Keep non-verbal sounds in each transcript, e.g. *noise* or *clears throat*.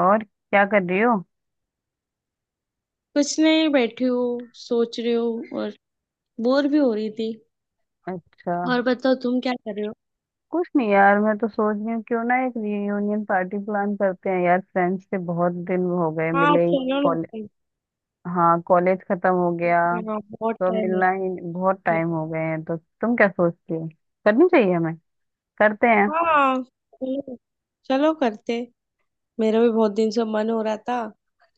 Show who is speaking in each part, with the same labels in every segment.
Speaker 1: और क्या कर रही हो?
Speaker 2: कुछ नहीं, बैठी हूँ सोच रही हूँ और बोर भी हो रही थी।
Speaker 1: अच्छा।
Speaker 2: और बताओ, तुम क्या कर रहे हो?
Speaker 1: कुछ नहीं यार, मैं तो सोच रही हूँ क्यों ना एक रियूनियन पार्टी प्लान करते हैं यार। फ्रेंड्स से बहुत दिन हो गए
Speaker 2: हाँ,
Speaker 1: मिले ही।
Speaker 2: चलो ना
Speaker 1: कॉलेज।
Speaker 2: करते हैं।
Speaker 1: हाँ कॉलेज खत्म हो गया।
Speaker 2: हाँ, बहुत
Speaker 1: तो अब
Speaker 2: टाइम है।
Speaker 1: मिलना ही, बहुत टाइम हो गए हैं, तो तुम क्या सोचती हो? करनी चाहिए हमें। करते हैं।
Speaker 2: हाँ, चलो, चलो करते हैं। मेरा भी बहुत दिन से मन हो रहा था।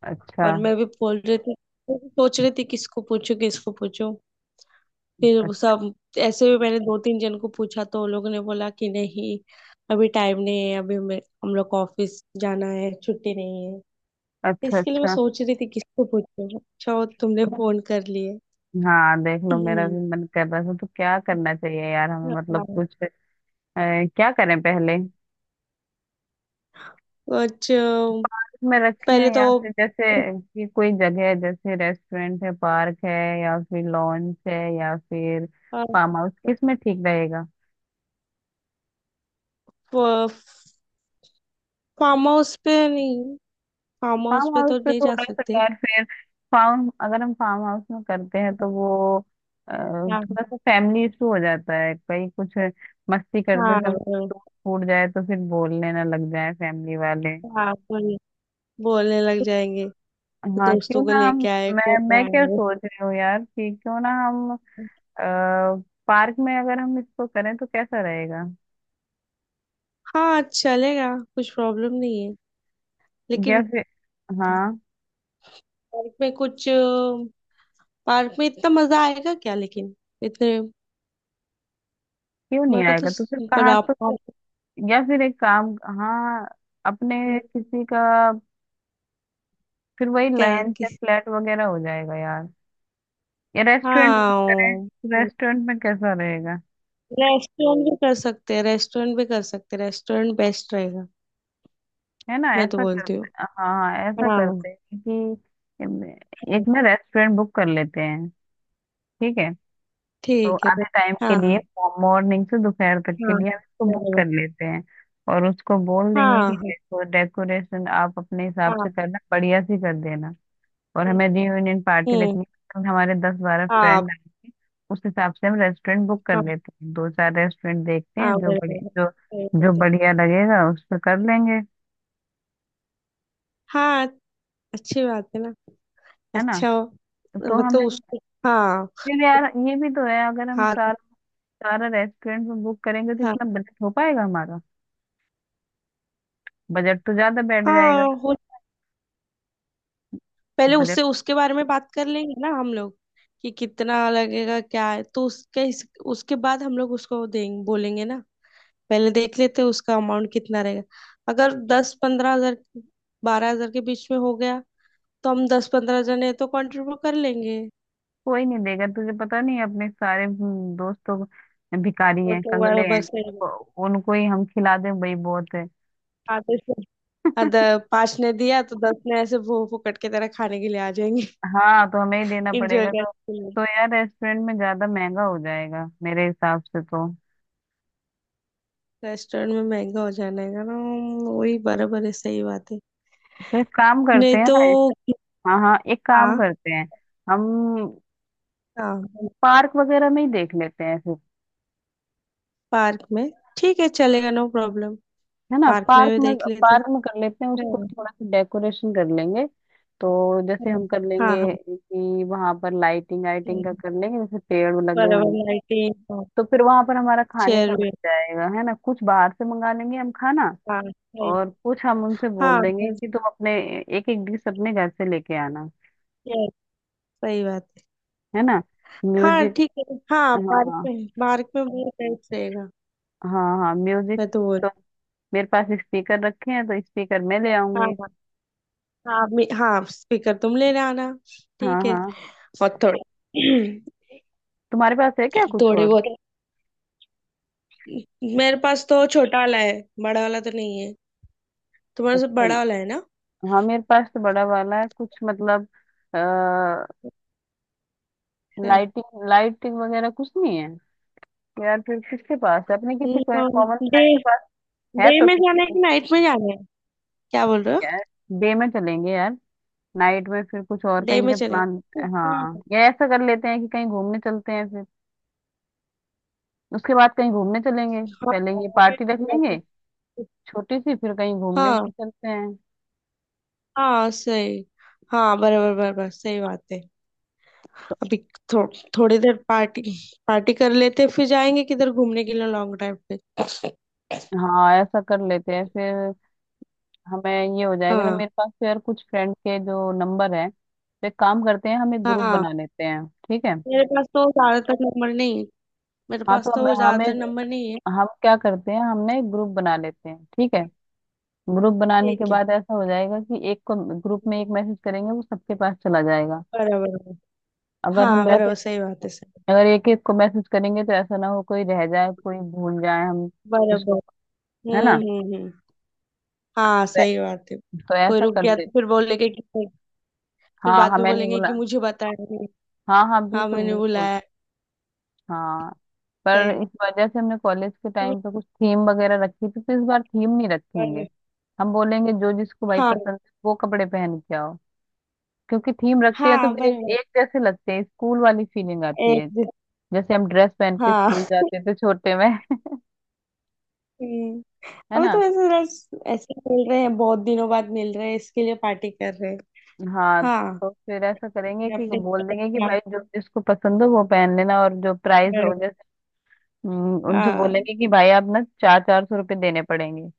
Speaker 1: अच्छा।
Speaker 2: और मैं भी बोल रही थी, सोच रही थी किसको पूछूं, किसको पूछूं, फिर
Speaker 1: अ-
Speaker 2: वो सब। ऐसे भी मैंने दो तीन जन को पूछा तो उन लोगों ने बोला कि नहीं, अभी टाइम नहीं है, अभी हम लोग को ऑफिस जाना है, छुट्टी नहीं है।
Speaker 1: अच्छा
Speaker 2: इसके लिए मैं
Speaker 1: अच्छा।
Speaker 2: सोच रही थी किसको पूछूं, अच्छा वो तुमने फोन कर लिए।
Speaker 1: हाँ देख लो, मेरा
Speaker 2: हम्म,
Speaker 1: भी मन कर रहा था तो क्या करना चाहिए यार हमें, मतलब
Speaker 2: हाँ।
Speaker 1: कुछ। अ, क्या करें पहले
Speaker 2: कुछ।
Speaker 1: में रखे
Speaker 2: पहले
Speaker 1: हैं, या
Speaker 2: तो
Speaker 1: फिर जैसे कि कोई जगह है जैसे रेस्टोरेंट है, पार्क है, या फिर लॉन्च है, या फिर
Speaker 2: अ,
Speaker 1: फार्म हाउस, किस में ठीक रहेगा?
Speaker 2: फ- फार्म हाउस पे नहीं। फार्म हाउस
Speaker 1: फार्म
Speaker 2: पे
Speaker 1: हाउस
Speaker 2: तो
Speaker 1: पे
Speaker 2: नहीं जा
Speaker 1: थोड़ा सा
Speaker 2: सकते।
Speaker 1: यार, फिर फार्म, अगर हम फार्म हाउस में करते हैं तो वो
Speaker 2: हाँ,
Speaker 1: थोड़ा सा फैमिली इशू हो जाता है, कहीं कुछ मस्ती करते
Speaker 2: हाँ
Speaker 1: समय
Speaker 2: बोल-
Speaker 1: टूट फूट जाए तो फिर बोलने ना लग जाए फैमिली वाले।
Speaker 2: हाँ, बोलने लग जाएंगे कि
Speaker 1: हाँ क्यों
Speaker 2: दोस्तों को
Speaker 1: ना हम,
Speaker 2: लेके आए,
Speaker 1: मैं
Speaker 2: कौन
Speaker 1: मैं क्या
Speaker 2: आए।
Speaker 1: सोच रही हूँ यार कि क्यों ना हम पार्क में, अगर हम इसको करें तो कैसा रहेगा?
Speaker 2: हाँ, चलेगा, कुछ प्रॉब्लम नहीं है,
Speaker 1: या
Speaker 2: लेकिन
Speaker 1: फिर, हाँ,
Speaker 2: पार्क में कुछ, पार्क में इतना मजा आएगा क्या, लेकिन इतने।
Speaker 1: क्यों नहीं
Speaker 2: मेरे को तो
Speaker 1: आएगा? तो फिर
Speaker 2: पर
Speaker 1: कहाँ, तो
Speaker 2: आप,
Speaker 1: फिर, या फिर एक काम, हाँ, अपने किसी का, फिर वही
Speaker 2: क्या
Speaker 1: लंच या
Speaker 2: कि।
Speaker 1: फ्लैट वगैरह हो जाएगा यार, या रेस्टोरेंट में करें।
Speaker 2: हाँ,
Speaker 1: रेस्टोरेंट में कैसा रहेगा?
Speaker 2: रेस्टोरेंट भी कर सकते हैं, रेस्टोरेंट भी कर सकते हैं, रेस्टोरेंट बेस्ट रहेगा।
Speaker 1: है ना,
Speaker 2: मैं तो
Speaker 1: ऐसा
Speaker 2: बोलती हूँ।
Speaker 1: करते, हाँ हाँ ऐसा
Speaker 2: हाँ, हाँ,
Speaker 1: करते हैं कि एक ना रेस्टोरेंट बुक कर लेते हैं, ठीक है? तो
Speaker 2: ठीक है।
Speaker 1: आधे टाइम के
Speaker 2: हाँ,
Speaker 1: लिए,
Speaker 2: हाँ।
Speaker 1: मॉर्निंग से दोपहर तक के
Speaker 2: हाँ
Speaker 1: लिए हम इसको बुक
Speaker 2: बराबर।
Speaker 1: कर लेते हैं। और उसको बोल देंगे कि
Speaker 2: हाँ,
Speaker 1: डेकोरेशन आप अपने हिसाब
Speaker 2: हाँ, हाँ।
Speaker 1: से करना, बढ़िया सी कर देना। और हमें रियूनियन पार्टी
Speaker 2: हम्म।
Speaker 1: रखनी है, तो हमारे दस बारह
Speaker 2: आप।
Speaker 1: फ्रेंड आएंगे। उस हिसाब से हम रेस्टोरेंट बुक कर
Speaker 2: हाँ,
Speaker 1: लेते हैं, 2-4 रेस्टोरेंट देखते
Speaker 2: हाँ,
Speaker 1: हैं जो बड़े,
Speaker 2: बराबर
Speaker 1: जो
Speaker 2: सही
Speaker 1: जो
Speaker 2: बात है।
Speaker 1: बढ़िया लगेगा उस पर कर लेंगे।
Speaker 2: हाँ, अच्छी बात है ना।
Speaker 1: है ना?
Speaker 2: अच्छा,
Speaker 1: तो
Speaker 2: मतलब
Speaker 1: हमें,
Speaker 2: उसको। हाँ,
Speaker 1: फिर यार ये भी तो है, अगर हम
Speaker 2: हाँ,
Speaker 1: सारा सारा रेस्टोरेंट में बुक करेंगे तो
Speaker 2: हाँ,
Speaker 1: इतना बजट हो पाएगा हमारा? बजट तो ज्यादा बैठ जाएगा।
Speaker 2: हाँ हो। पहले
Speaker 1: बजट
Speaker 2: उससे
Speaker 1: तो
Speaker 2: उसके बारे में बात कर लेंगे ना हम लोग कि कितना लगेगा, क्या है, तो उसके बाद हम लोग उसको देंगे, बोलेंगे ना। पहले देख लेते हैं उसका अमाउंट कितना रहेगा। अगर 10-15 हजार, 12 हजार के बीच में हो गया तो हम 10-15 जने तो कंट्रीब्यूट कर लेंगे।
Speaker 1: कोई नहीं देगा, तुझे पता नहीं, अपने सारे दोस्त तो भिखारी
Speaker 2: वो
Speaker 1: हैं
Speaker 2: तो
Speaker 1: कंगले
Speaker 2: बराबर
Speaker 1: हैं,
Speaker 2: से,
Speaker 1: तो उनको ही हम खिला दें भाई, बहुत है।
Speaker 2: आधे से आधा, पांच ने दिया तो दस ने ऐसे भो फुकट के तरह खाने के लिए आ जाएंगे।
Speaker 1: हाँ तो हमें ही
Speaker 2: *laughs*
Speaker 1: देना
Speaker 2: इंजॉय
Speaker 1: पड़ेगा
Speaker 2: करने
Speaker 1: तो।
Speaker 2: के लिए।
Speaker 1: तो यार रेस्टोरेंट में ज्यादा महंगा हो जाएगा मेरे हिसाब से तो।
Speaker 2: रेस्टोरेंट में महंगा हो जाएगा ना, वही बराबर है, सही बात है।
Speaker 1: तो एक काम करते
Speaker 2: नहीं
Speaker 1: हैं
Speaker 2: तो।
Speaker 1: ना। हाँ हाँ एक काम
Speaker 2: हाँ,
Speaker 1: करते हैं, हम
Speaker 2: हाँ।
Speaker 1: पार्क वगैरह में ही देख लेते हैं।
Speaker 2: पार्क में, ठीक है चलेगा, नो प्रॉब्लम।
Speaker 1: है ना,
Speaker 2: पार्क में
Speaker 1: पार्क
Speaker 2: भी
Speaker 1: में,
Speaker 2: देख लेते।
Speaker 1: पार्क में कर लेते हैं उसको,
Speaker 2: हम्म,
Speaker 1: थोड़ा सा डेकोरेशन कर लेंगे तो जैसे
Speaker 2: हम्म,
Speaker 1: हम कर लेंगे
Speaker 2: हाँ, हाँ।
Speaker 1: कि वहां पर लाइटिंग आइटिंग का
Speaker 2: हम्म,
Speaker 1: कर लेंगे, जैसे पेड़ लगे
Speaker 2: बराबर
Speaker 1: होंगे
Speaker 2: लाइटिंग।
Speaker 1: तो फिर वहां पर हमारा खाने का
Speaker 2: चेयर
Speaker 1: बच
Speaker 2: भी।
Speaker 1: जाएगा। है ना? कुछ बाहर से मंगा लेंगे हम खाना।
Speaker 2: हाँ सही।
Speaker 1: और कुछ हम उनसे
Speaker 2: हाँ
Speaker 1: बोल देंगे
Speaker 2: बस।
Speaker 1: कि तुम अपने एक एक डिश अपने घर से लेके आना।
Speaker 2: Yes, सही बात है।
Speaker 1: है ना?
Speaker 2: हाँ,
Speaker 1: म्यूजिक।
Speaker 2: ठीक है। हाँ, पार्क
Speaker 1: हाँ
Speaker 2: में, पार्क में बहुत बेस्ट रहेगा।
Speaker 1: हाँ हाँ म्यूजिक।
Speaker 2: मैं तो बोल।
Speaker 1: तो मेरे पास स्पीकर रखे हैं तो स्पीकर मैं ले
Speaker 2: हाँ,
Speaker 1: आऊंगी।
Speaker 2: हाँ। हाँ हाँ, स्पीकर तुम लेने आना,
Speaker 1: हाँ
Speaker 2: ठीक है।
Speaker 1: हाँ,
Speaker 2: और थोड़े। *clears throat*
Speaker 1: तुम्हारे पास है क्या कुछ
Speaker 2: थोड़े
Speaker 1: और?
Speaker 2: बहुत, मेरे पास तो छोटा वाला है, बड़ा वाला तो नहीं है, तुम्हारे से
Speaker 1: अच्छा।
Speaker 2: बड़ा वाला है ना।
Speaker 1: हाँ मेरे पास तो बड़ा वाला है, कुछ मतलब आ, लाइटिंग लाइटिंग वगैरह कुछ नहीं है यार। फिर किसके पास है, अपने किसी को कॉमन
Speaker 2: डे
Speaker 1: फ्रेंड के पास है
Speaker 2: डे
Speaker 1: तो
Speaker 2: में
Speaker 1: किसी
Speaker 2: जाना है
Speaker 1: को?
Speaker 2: कि नाइट में जाना है, क्या बोल रहे हो?
Speaker 1: यार डे में चलेंगे यार, नाइट में फिर कुछ और
Speaker 2: डे
Speaker 1: कहीं
Speaker 2: में
Speaker 1: का
Speaker 2: चले।
Speaker 1: प्लान,
Speaker 2: हाँ।
Speaker 1: हाँ, या ऐसा कर लेते हैं कि कहीं घूमने चलते हैं, फिर उसके बाद कहीं घूमने चलेंगे।
Speaker 2: हाँ,
Speaker 1: पहले ये
Speaker 2: वो भी
Speaker 1: पार्टी रख
Speaker 2: ठीक बात
Speaker 1: लेंगे
Speaker 2: है।
Speaker 1: छोटी सी, फिर कहीं घूमने
Speaker 2: हाँ,
Speaker 1: चलते हैं।
Speaker 2: हाँ सही। हाँ, बराबर बराबर सही बात है। अभी थो, थोड़ी देर पार्टी, पार्टी कर लेते हैं, फिर जाएंगे किधर घूमने के लिए, लॉन्ग ड्राइव पे।
Speaker 1: हाँ ऐसा कर लेते हैं फिर। हमें, ये हो जाएगा ना।
Speaker 2: हाँ,
Speaker 1: मेरे पास तो यार कुछ फ्रेंड के जो नंबर है, तो एक काम करते हैं, हम एक ग्रुप
Speaker 2: हाँ।
Speaker 1: बना लेते हैं, ठीक है?
Speaker 2: मेरे पास तो ज्यादातर नंबर नहीं है। मेरे
Speaker 1: हाँ तो
Speaker 2: पास
Speaker 1: हम,
Speaker 2: तो
Speaker 1: हमें,
Speaker 2: ज्यादातर नंबर नहीं है।
Speaker 1: हम क्या करते हैं, हमने एक ग्रुप बना लेते हैं ठीक है। ग्रुप बनाने के
Speaker 2: ठीक है।
Speaker 1: बाद ऐसा हो जाएगा कि एक को, ग्रुप में एक मैसेज करेंगे वो सबके पास चला जाएगा।
Speaker 2: बराबर बराबर।
Speaker 1: अगर हम
Speaker 2: हाँ,
Speaker 1: वैसे,
Speaker 2: बराबर सही बात है, सही,
Speaker 1: अगर एक एक को मैसेज करेंगे तो ऐसा ना हो कोई रह जाए, कोई भूल जाए हम जिसको।
Speaker 2: बराबर।
Speaker 1: है ना?
Speaker 2: हम्म, हम्म, हम्म। हाँ
Speaker 1: तो,
Speaker 2: सही बात है।
Speaker 1: तो
Speaker 2: कोई
Speaker 1: ऐसा
Speaker 2: रुक
Speaker 1: कर
Speaker 2: गया तो
Speaker 1: लेते,
Speaker 2: फिर बोलेंगे कि, फिर
Speaker 1: हाँ
Speaker 2: बाद में
Speaker 1: हमें नहीं
Speaker 2: बोलेंगे कि
Speaker 1: बोला।
Speaker 2: मुझे बताया नहीं।
Speaker 1: हाँ हाँ
Speaker 2: हाँ
Speaker 1: बिल्कुल
Speaker 2: मैंने
Speaker 1: बिल्कुल।
Speaker 2: बुलाया।
Speaker 1: हाँ पर
Speaker 2: सही बात
Speaker 1: इस वजह से हमने कॉलेज के
Speaker 2: है।
Speaker 1: टाइम पे कुछ थीम वगैरह रखी थी, तो इस बार थीम नहीं रखेंगे।
Speaker 2: बराबर।
Speaker 1: हम बोलेंगे जो जिसको भाई
Speaker 2: हाँ,
Speaker 1: पसंद है वो कपड़े पहन के आओ। क्योंकि थीम रखते हैं तो
Speaker 2: हाँ
Speaker 1: फिर
Speaker 2: बराबर।
Speaker 1: एक जैसे लगते हैं, स्कूल वाली फीलिंग आती
Speaker 2: एक
Speaker 1: है,
Speaker 2: दिन।
Speaker 1: जैसे हम ड्रेस पहन के स्कूल
Speaker 2: हाँ।
Speaker 1: जाते थे छोटे में *laughs*
Speaker 2: हम्म।
Speaker 1: है
Speaker 2: अभी तो
Speaker 1: ना?
Speaker 2: ऐसे रोज, ऐसे मिल रहे हैं, बहुत दिनों बाद मिल रहे हैं, इसके लिए पार्टी कर रहे हैं।
Speaker 1: हाँ
Speaker 2: हाँ।
Speaker 1: तो फिर ऐसा करेंगे
Speaker 2: अपने
Speaker 1: कि
Speaker 2: अपने
Speaker 1: बोल
Speaker 2: तरफ
Speaker 1: देंगे कि
Speaker 2: से आप
Speaker 1: भाई जो जिसको पसंद हो वो पहन लेना। और जो प्राइस
Speaker 2: कर
Speaker 1: हो
Speaker 2: रहे हैं।
Speaker 1: जैसे, उनसे
Speaker 2: हाँ,
Speaker 1: बोलेंगे कि भाई आप ना ₹400-400 देने पड़ेंगे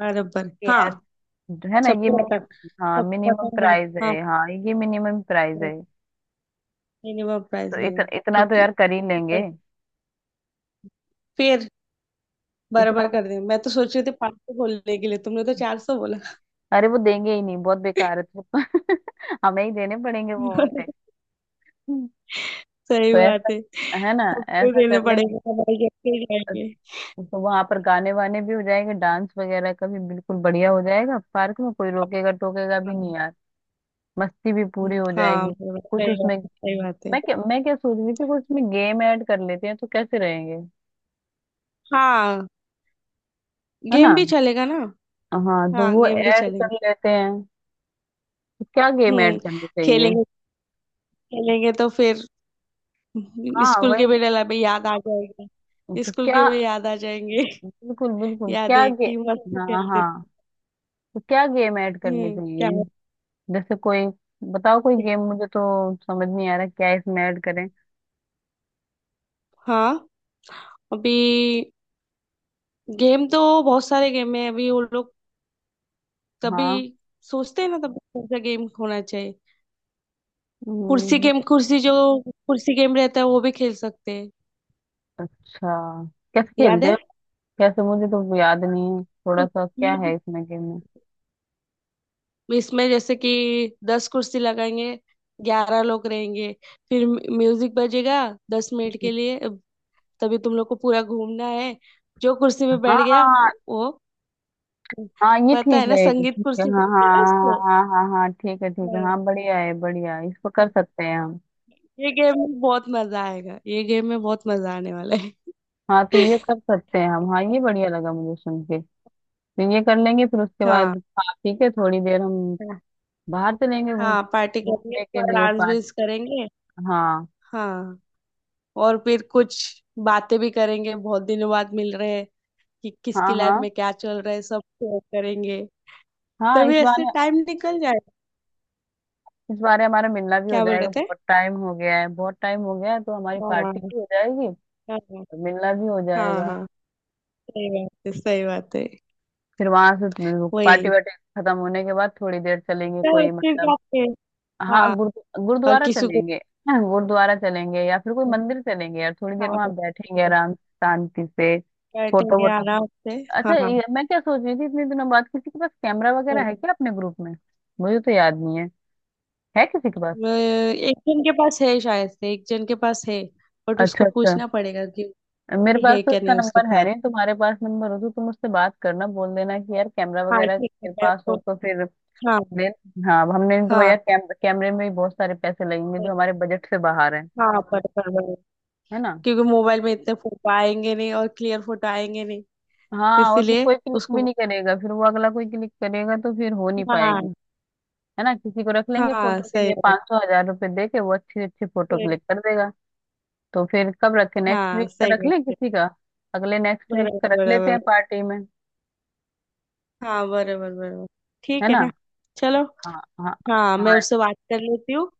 Speaker 2: बराबर, हाँ।
Speaker 1: यार। है ना, ये मिनिमम, हाँ
Speaker 2: सबको
Speaker 1: मिनिमम
Speaker 2: पता है।
Speaker 1: प्राइस
Speaker 2: हाँ,
Speaker 1: है, हाँ ये मिनिमम प्राइस है,
Speaker 2: मिनिमम
Speaker 1: तो
Speaker 2: प्राइस रहेगा।
Speaker 1: इतना तो
Speaker 2: क्योंकि,
Speaker 1: यार कर ही लेंगे,
Speaker 2: फिर,
Speaker 1: इतना
Speaker 2: बराबर
Speaker 1: तो।
Speaker 2: कर दिया, मैं तो सोच रही थी 500 बोलने के लिए, तुमने तो 400 बोला।
Speaker 1: अरे वो देंगे ही नहीं, बहुत बेकार है
Speaker 2: *laughs*
Speaker 1: तो *laughs* हमें ही देने पड़ेंगे वो उल्टे। तो
Speaker 2: सही
Speaker 1: ऐसा,
Speaker 2: बात है,
Speaker 1: है ना,
Speaker 2: हमको ही
Speaker 1: ऐसा
Speaker 2: देने
Speaker 1: कर लेंगे।
Speaker 2: पड़ेगा, हमारे जेब से ही जाएंगे।
Speaker 1: तो वहां पर गाने वाने भी हो जाएंगे, डांस वगैरह का भी बिल्कुल बढ़िया हो जाएगा। पार्क में कोई रोकेगा टोकेगा भी
Speaker 2: हाँ।
Speaker 1: नहीं यार, मस्ती भी पूरी हो
Speaker 2: हाँ,
Speaker 1: जाएगी।
Speaker 2: बराबर
Speaker 1: कुछ
Speaker 2: सही बात
Speaker 1: उसमें,
Speaker 2: है, सही बात है।
Speaker 1: मैं क्या सोच रही थी, कुछ उसमें गेम ऐड कर लेते हैं तो कैसे रहेंगे?
Speaker 2: हाँ,
Speaker 1: है ना?
Speaker 2: गेम भी चलेगा ना।
Speaker 1: हाँ तो
Speaker 2: हाँ,
Speaker 1: वो
Speaker 2: गेम भी
Speaker 1: ऐड
Speaker 2: चलेगा।
Speaker 1: कर लेते हैं। तो क्या गेम
Speaker 2: हम्म।
Speaker 1: ऐड करनी चाहिए?
Speaker 2: खेलेंगे, खेलेंगे तो फिर
Speaker 1: हाँ
Speaker 2: स्कूल के
Speaker 1: वही।
Speaker 2: भी डला भी याद आ जाएगा,
Speaker 1: तो
Speaker 2: स्कूल के
Speaker 1: क्या,
Speaker 2: भी याद आ जाएंगे।
Speaker 1: बिल्कुल
Speaker 2: *laughs*
Speaker 1: बिल्कुल
Speaker 2: याद
Speaker 1: क्या
Speaker 2: है कि मस्त
Speaker 1: गेम, हाँ
Speaker 2: खेलते
Speaker 1: हाँ,
Speaker 2: थे।
Speaker 1: तो क्या गेम ऐड करनी
Speaker 2: हम्म, क्या
Speaker 1: चाहिए?
Speaker 2: बात
Speaker 1: जैसे कोई, बताओ कोई
Speaker 2: है।
Speaker 1: गेम, मुझे तो समझ नहीं आ रहा क्या इसमें ऐड करें।
Speaker 2: हाँ, अभी, गेम तो बहुत सारे गेम है, अभी वो लोग
Speaker 1: हाँ
Speaker 2: तभी सोचते हैं ना तब कौन सा गेम होना चाहिए।
Speaker 1: हम्म, बत-
Speaker 2: कुर्सी जो कुर्सी गेम रहता है वो भी खेल सकते हैं।
Speaker 1: अच्छा, कैसे
Speaker 2: याद
Speaker 1: खेलते
Speaker 2: है।
Speaker 1: हैं? कैसे, मुझे तो याद नहीं है थोड़ा सा, क्या है
Speaker 2: म्यूजिक।
Speaker 1: इसमें गेम में?
Speaker 2: इसमें जैसे कि 10 कुर्सी लगाएंगे, 11 लोग रहेंगे, फिर म्यूजिक बजेगा 10 मिनट के लिए, अब तभी तुम लोग को पूरा घूमना है, जो कुर्सी
Speaker 1: हाँ
Speaker 2: में बैठ गया
Speaker 1: हाँ हाँ
Speaker 2: वो वो-
Speaker 1: हाँ, ये
Speaker 2: पता
Speaker 1: ठीक
Speaker 2: है ना
Speaker 1: रहेगा,
Speaker 2: संगीत
Speaker 1: ठीक है,
Speaker 2: कुर्सी
Speaker 1: हाँ
Speaker 2: बोलते हैं ना
Speaker 1: हाँ।
Speaker 2: इसको।
Speaker 1: हाँ हाँ हाँ हाँ, हाँ, हाँ, ठीक है ठीक है,
Speaker 2: हाँ,
Speaker 1: हाँ बढ़िया है, इसको कर
Speaker 2: हाँ।
Speaker 1: सकते हैं हम।
Speaker 2: ये गेम में बहुत मजा आएगा, ये गेम में बहुत मजा आने वाला है।
Speaker 1: हाँ तो ये कर सकते हैं हम। हाँ ये
Speaker 2: *laughs*
Speaker 1: बढ़िया लगा मुझे सुन के। तो ये कर लेंगे, फिर उसके बाद खा पी के थोड़ी देर हम
Speaker 2: हाँ,
Speaker 1: बाहर चलेंगे
Speaker 2: हाँ, पार्टी करेंगे,
Speaker 1: घूमने के
Speaker 2: थोड़ा
Speaker 1: लिए
Speaker 2: डांस
Speaker 1: पार्क।
Speaker 2: भी करेंगे।
Speaker 1: हाँ
Speaker 2: हाँ। और फिर कुछ बातें भी करेंगे, बहुत दिनों बाद मिल रहे हैं, कि किसकी
Speaker 1: हाँ।
Speaker 2: लाइफ
Speaker 1: हाँ,
Speaker 2: में क्या चल रहा है सब शेयर करेंगे,
Speaker 1: हाँ इस
Speaker 2: तभी ऐसे
Speaker 1: बार,
Speaker 2: टाइम निकल जाएगा।
Speaker 1: इस बार हमारा मिलना भी हो
Speaker 2: क्या बोल
Speaker 1: जाएगा,
Speaker 2: रहे थे?
Speaker 1: बहुत टाइम हो गया है बहुत टाइम हो गया है, तो हमारी पार्टी
Speaker 2: हाँ,
Speaker 1: भी हो जाएगी और
Speaker 2: हाँ।
Speaker 1: मिलना भी हो
Speaker 2: हाँ,
Speaker 1: जाएगा।
Speaker 2: हाँ, सही बात है सही बात है।
Speaker 1: फिर वहां से पार्टी
Speaker 2: वही।
Speaker 1: वार्टी खत्म होने के बाद थोड़ी देर चलेंगे
Speaker 2: चलो
Speaker 1: कोई
Speaker 2: फिर
Speaker 1: मतलब,
Speaker 2: जाते हैं।
Speaker 1: हाँ
Speaker 2: हाँ, और
Speaker 1: गुरुद्वारा
Speaker 2: किसी को।
Speaker 1: चलेंगे *clears throat* हाँ, गुरुद्वारा चलेंगे या फिर कोई मंदिर चलेंगे यार, थोड़ी देर
Speaker 2: हाँ
Speaker 1: वहां
Speaker 2: बस,
Speaker 1: बैठेंगे आराम से, शांति से। फोटो
Speaker 2: बैठेंगे
Speaker 1: वोटो,
Speaker 2: आराम से।
Speaker 1: अच्छा
Speaker 2: हाँ,
Speaker 1: ये, मैं क्या सोच रही थी, इतने दिनों बाद किसी के पास कैमरा वगैरह है
Speaker 2: बोलो।
Speaker 1: क्या अपने ग्रुप में? मुझे तो याद नहीं है, है किसी के पास?
Speaker 2: एक जन के पास है, शायद से एक जन के पास है, बट
Speaker 1: अच्छा
Speaker 2: उसको
Speaker 1: अच्छा।
Speaker 2: पूछना पड़ेगा कि
Speaker 1: मेरे पास
Speaker 2: है
Speaker 1: तो
Speaker 2: क्या
Speaker 1: उसका
Speaker 2: नहीं उसके
Speaker 1: नंबर है
Speaker 2: पास।
Speaker 1: नहीं, तुम्हारे पास नंबर हो तो तुम उससे बात करना, बोल देना कि यार कैमरा
Speaker 2: हाँ,
Speaker 1: वगैरह
Speaker 2: ठीक है,
Speaker 1: तेरे
Speaker 2: मैं
Speaker 1: पास हो
Speaker 2: तो।
Speaker 1: तो फिर
Speaker 2: हाँ,
Speaker 1: ले। हाँ, हमने तो
Speaker 2: हाँ।
Speaker 1: यार कैमरे में भी बहुत सारे पैसे लगेंगे, जो हमारे बजट से बाहर है।
Speaker 2: हाँ, पर।
Speaker 1: है ना?
Speaker 2: क्योंकि मोबाइल में इतने फोटो आएंगे नहीं, और क्लियर फोटो आएंगे नहीं,
Speaker 1: हाँ और फिर
Speaker 2: इसीलिए
Speaker 1: कोई क्लिक भी
Speaker 2: उसको।
Speaker 1: नहीं करेगा, फिर वो अगला कोई क्लिक करेगा तो फिर हो नहीं पाएगी।
Speaker 2: हाँ,
Speaker 1: है ना, किसी को रख लेंगे
Speaker 2: हाँ,
Speaker 1: फोटो के
Speaker 2: सही
Speaker 1: लिए,
Speaker 2: बात
Speaker 1: 500-1000 रुपये दे के वो अच्छी अच्छी फोटो
Speaker 2: है।
Speaker 1: क्लिक कर देगा। तो फिर कब रखे? नेक्स्ट
Speaker 2: हाँ,
Speaker 1: वीक का
Speaker 2: सही
Speaker 1: रख
Speaker 2: बात
Speaker 1: लें
Speaker 2: है।
Speaker 1: किसी का, अगले नेक्स्ट वीक
Speaker 2: बराबर
Speaker 1: का रख लेते हैं
Speaker 2: बराबर।
Speaker 1: पार्टी में।
Speaker 2: हाँ, बराबर बराबर। ठीक
Speaker 1: है
Speaker 2: है ना।
Speaker 1: ना?
Speaker 2: चलो।
Speaker 1: हाँ हाँ
Speaker 2: हाँ, मैं
Speaker 1: हाँ।
Speaker 2: उससे बात कर लेती हूँ।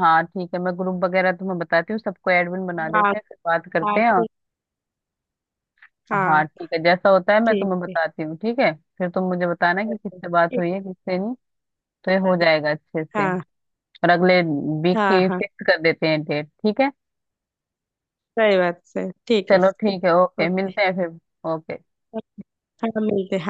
Speaker 1: हाँ ठीक है, मैं ग्रुप वगैरह तुम्हें बताती हूँ, सबको एडमिन बना
Speaker 2: हाँ,
Speaker 1: देते हैं फिर बात करते
Speaker 2: हाँ,
Speaker 1: हैं और।
Speaker 2: ठीक।
Speaker 1: हाँ
Speaker 2: हाँ,
Speaker 1: ठीक है, जैसा होता है मैं
Speaker 2: ठीक
Speaker 1: तुम्हें
Speaker 2: है।
Speaker 1: बताती हूँ, ठीक है। फिर तुम मुझे बताना कि
Speaker 2: चलो,
Speaker 1: किससे बात
Speaker 2: ठीक
Speaker 1: हुई
Speaker 2: है।
Speaker 1: है किससे नहीं। तो ये
Speaker 2: बता
Speaker 1: हो
Speaker 2: दे।
Speaker 1: जाएगा अच्छे से।
Speaker 2: हाँ,
Speaker 1: और अगले वीक
Speaker 2: हाँ।
Speaker 1: की
Speaker 2: हाँ
Speaker 1: फिक्स कर देते हैं डेट, ठीक है।
Speaker 2: सही बात, सही, ठीक है,
Speaker 1: चलो
Speaker 2: ठीक।
Speaker 1: ठीक है, ओके,
Speaker 2: ओके।
Speaker 1: मिलते हैं फिर। ओके।
Speaker 2: हाँ, मिलते हैं।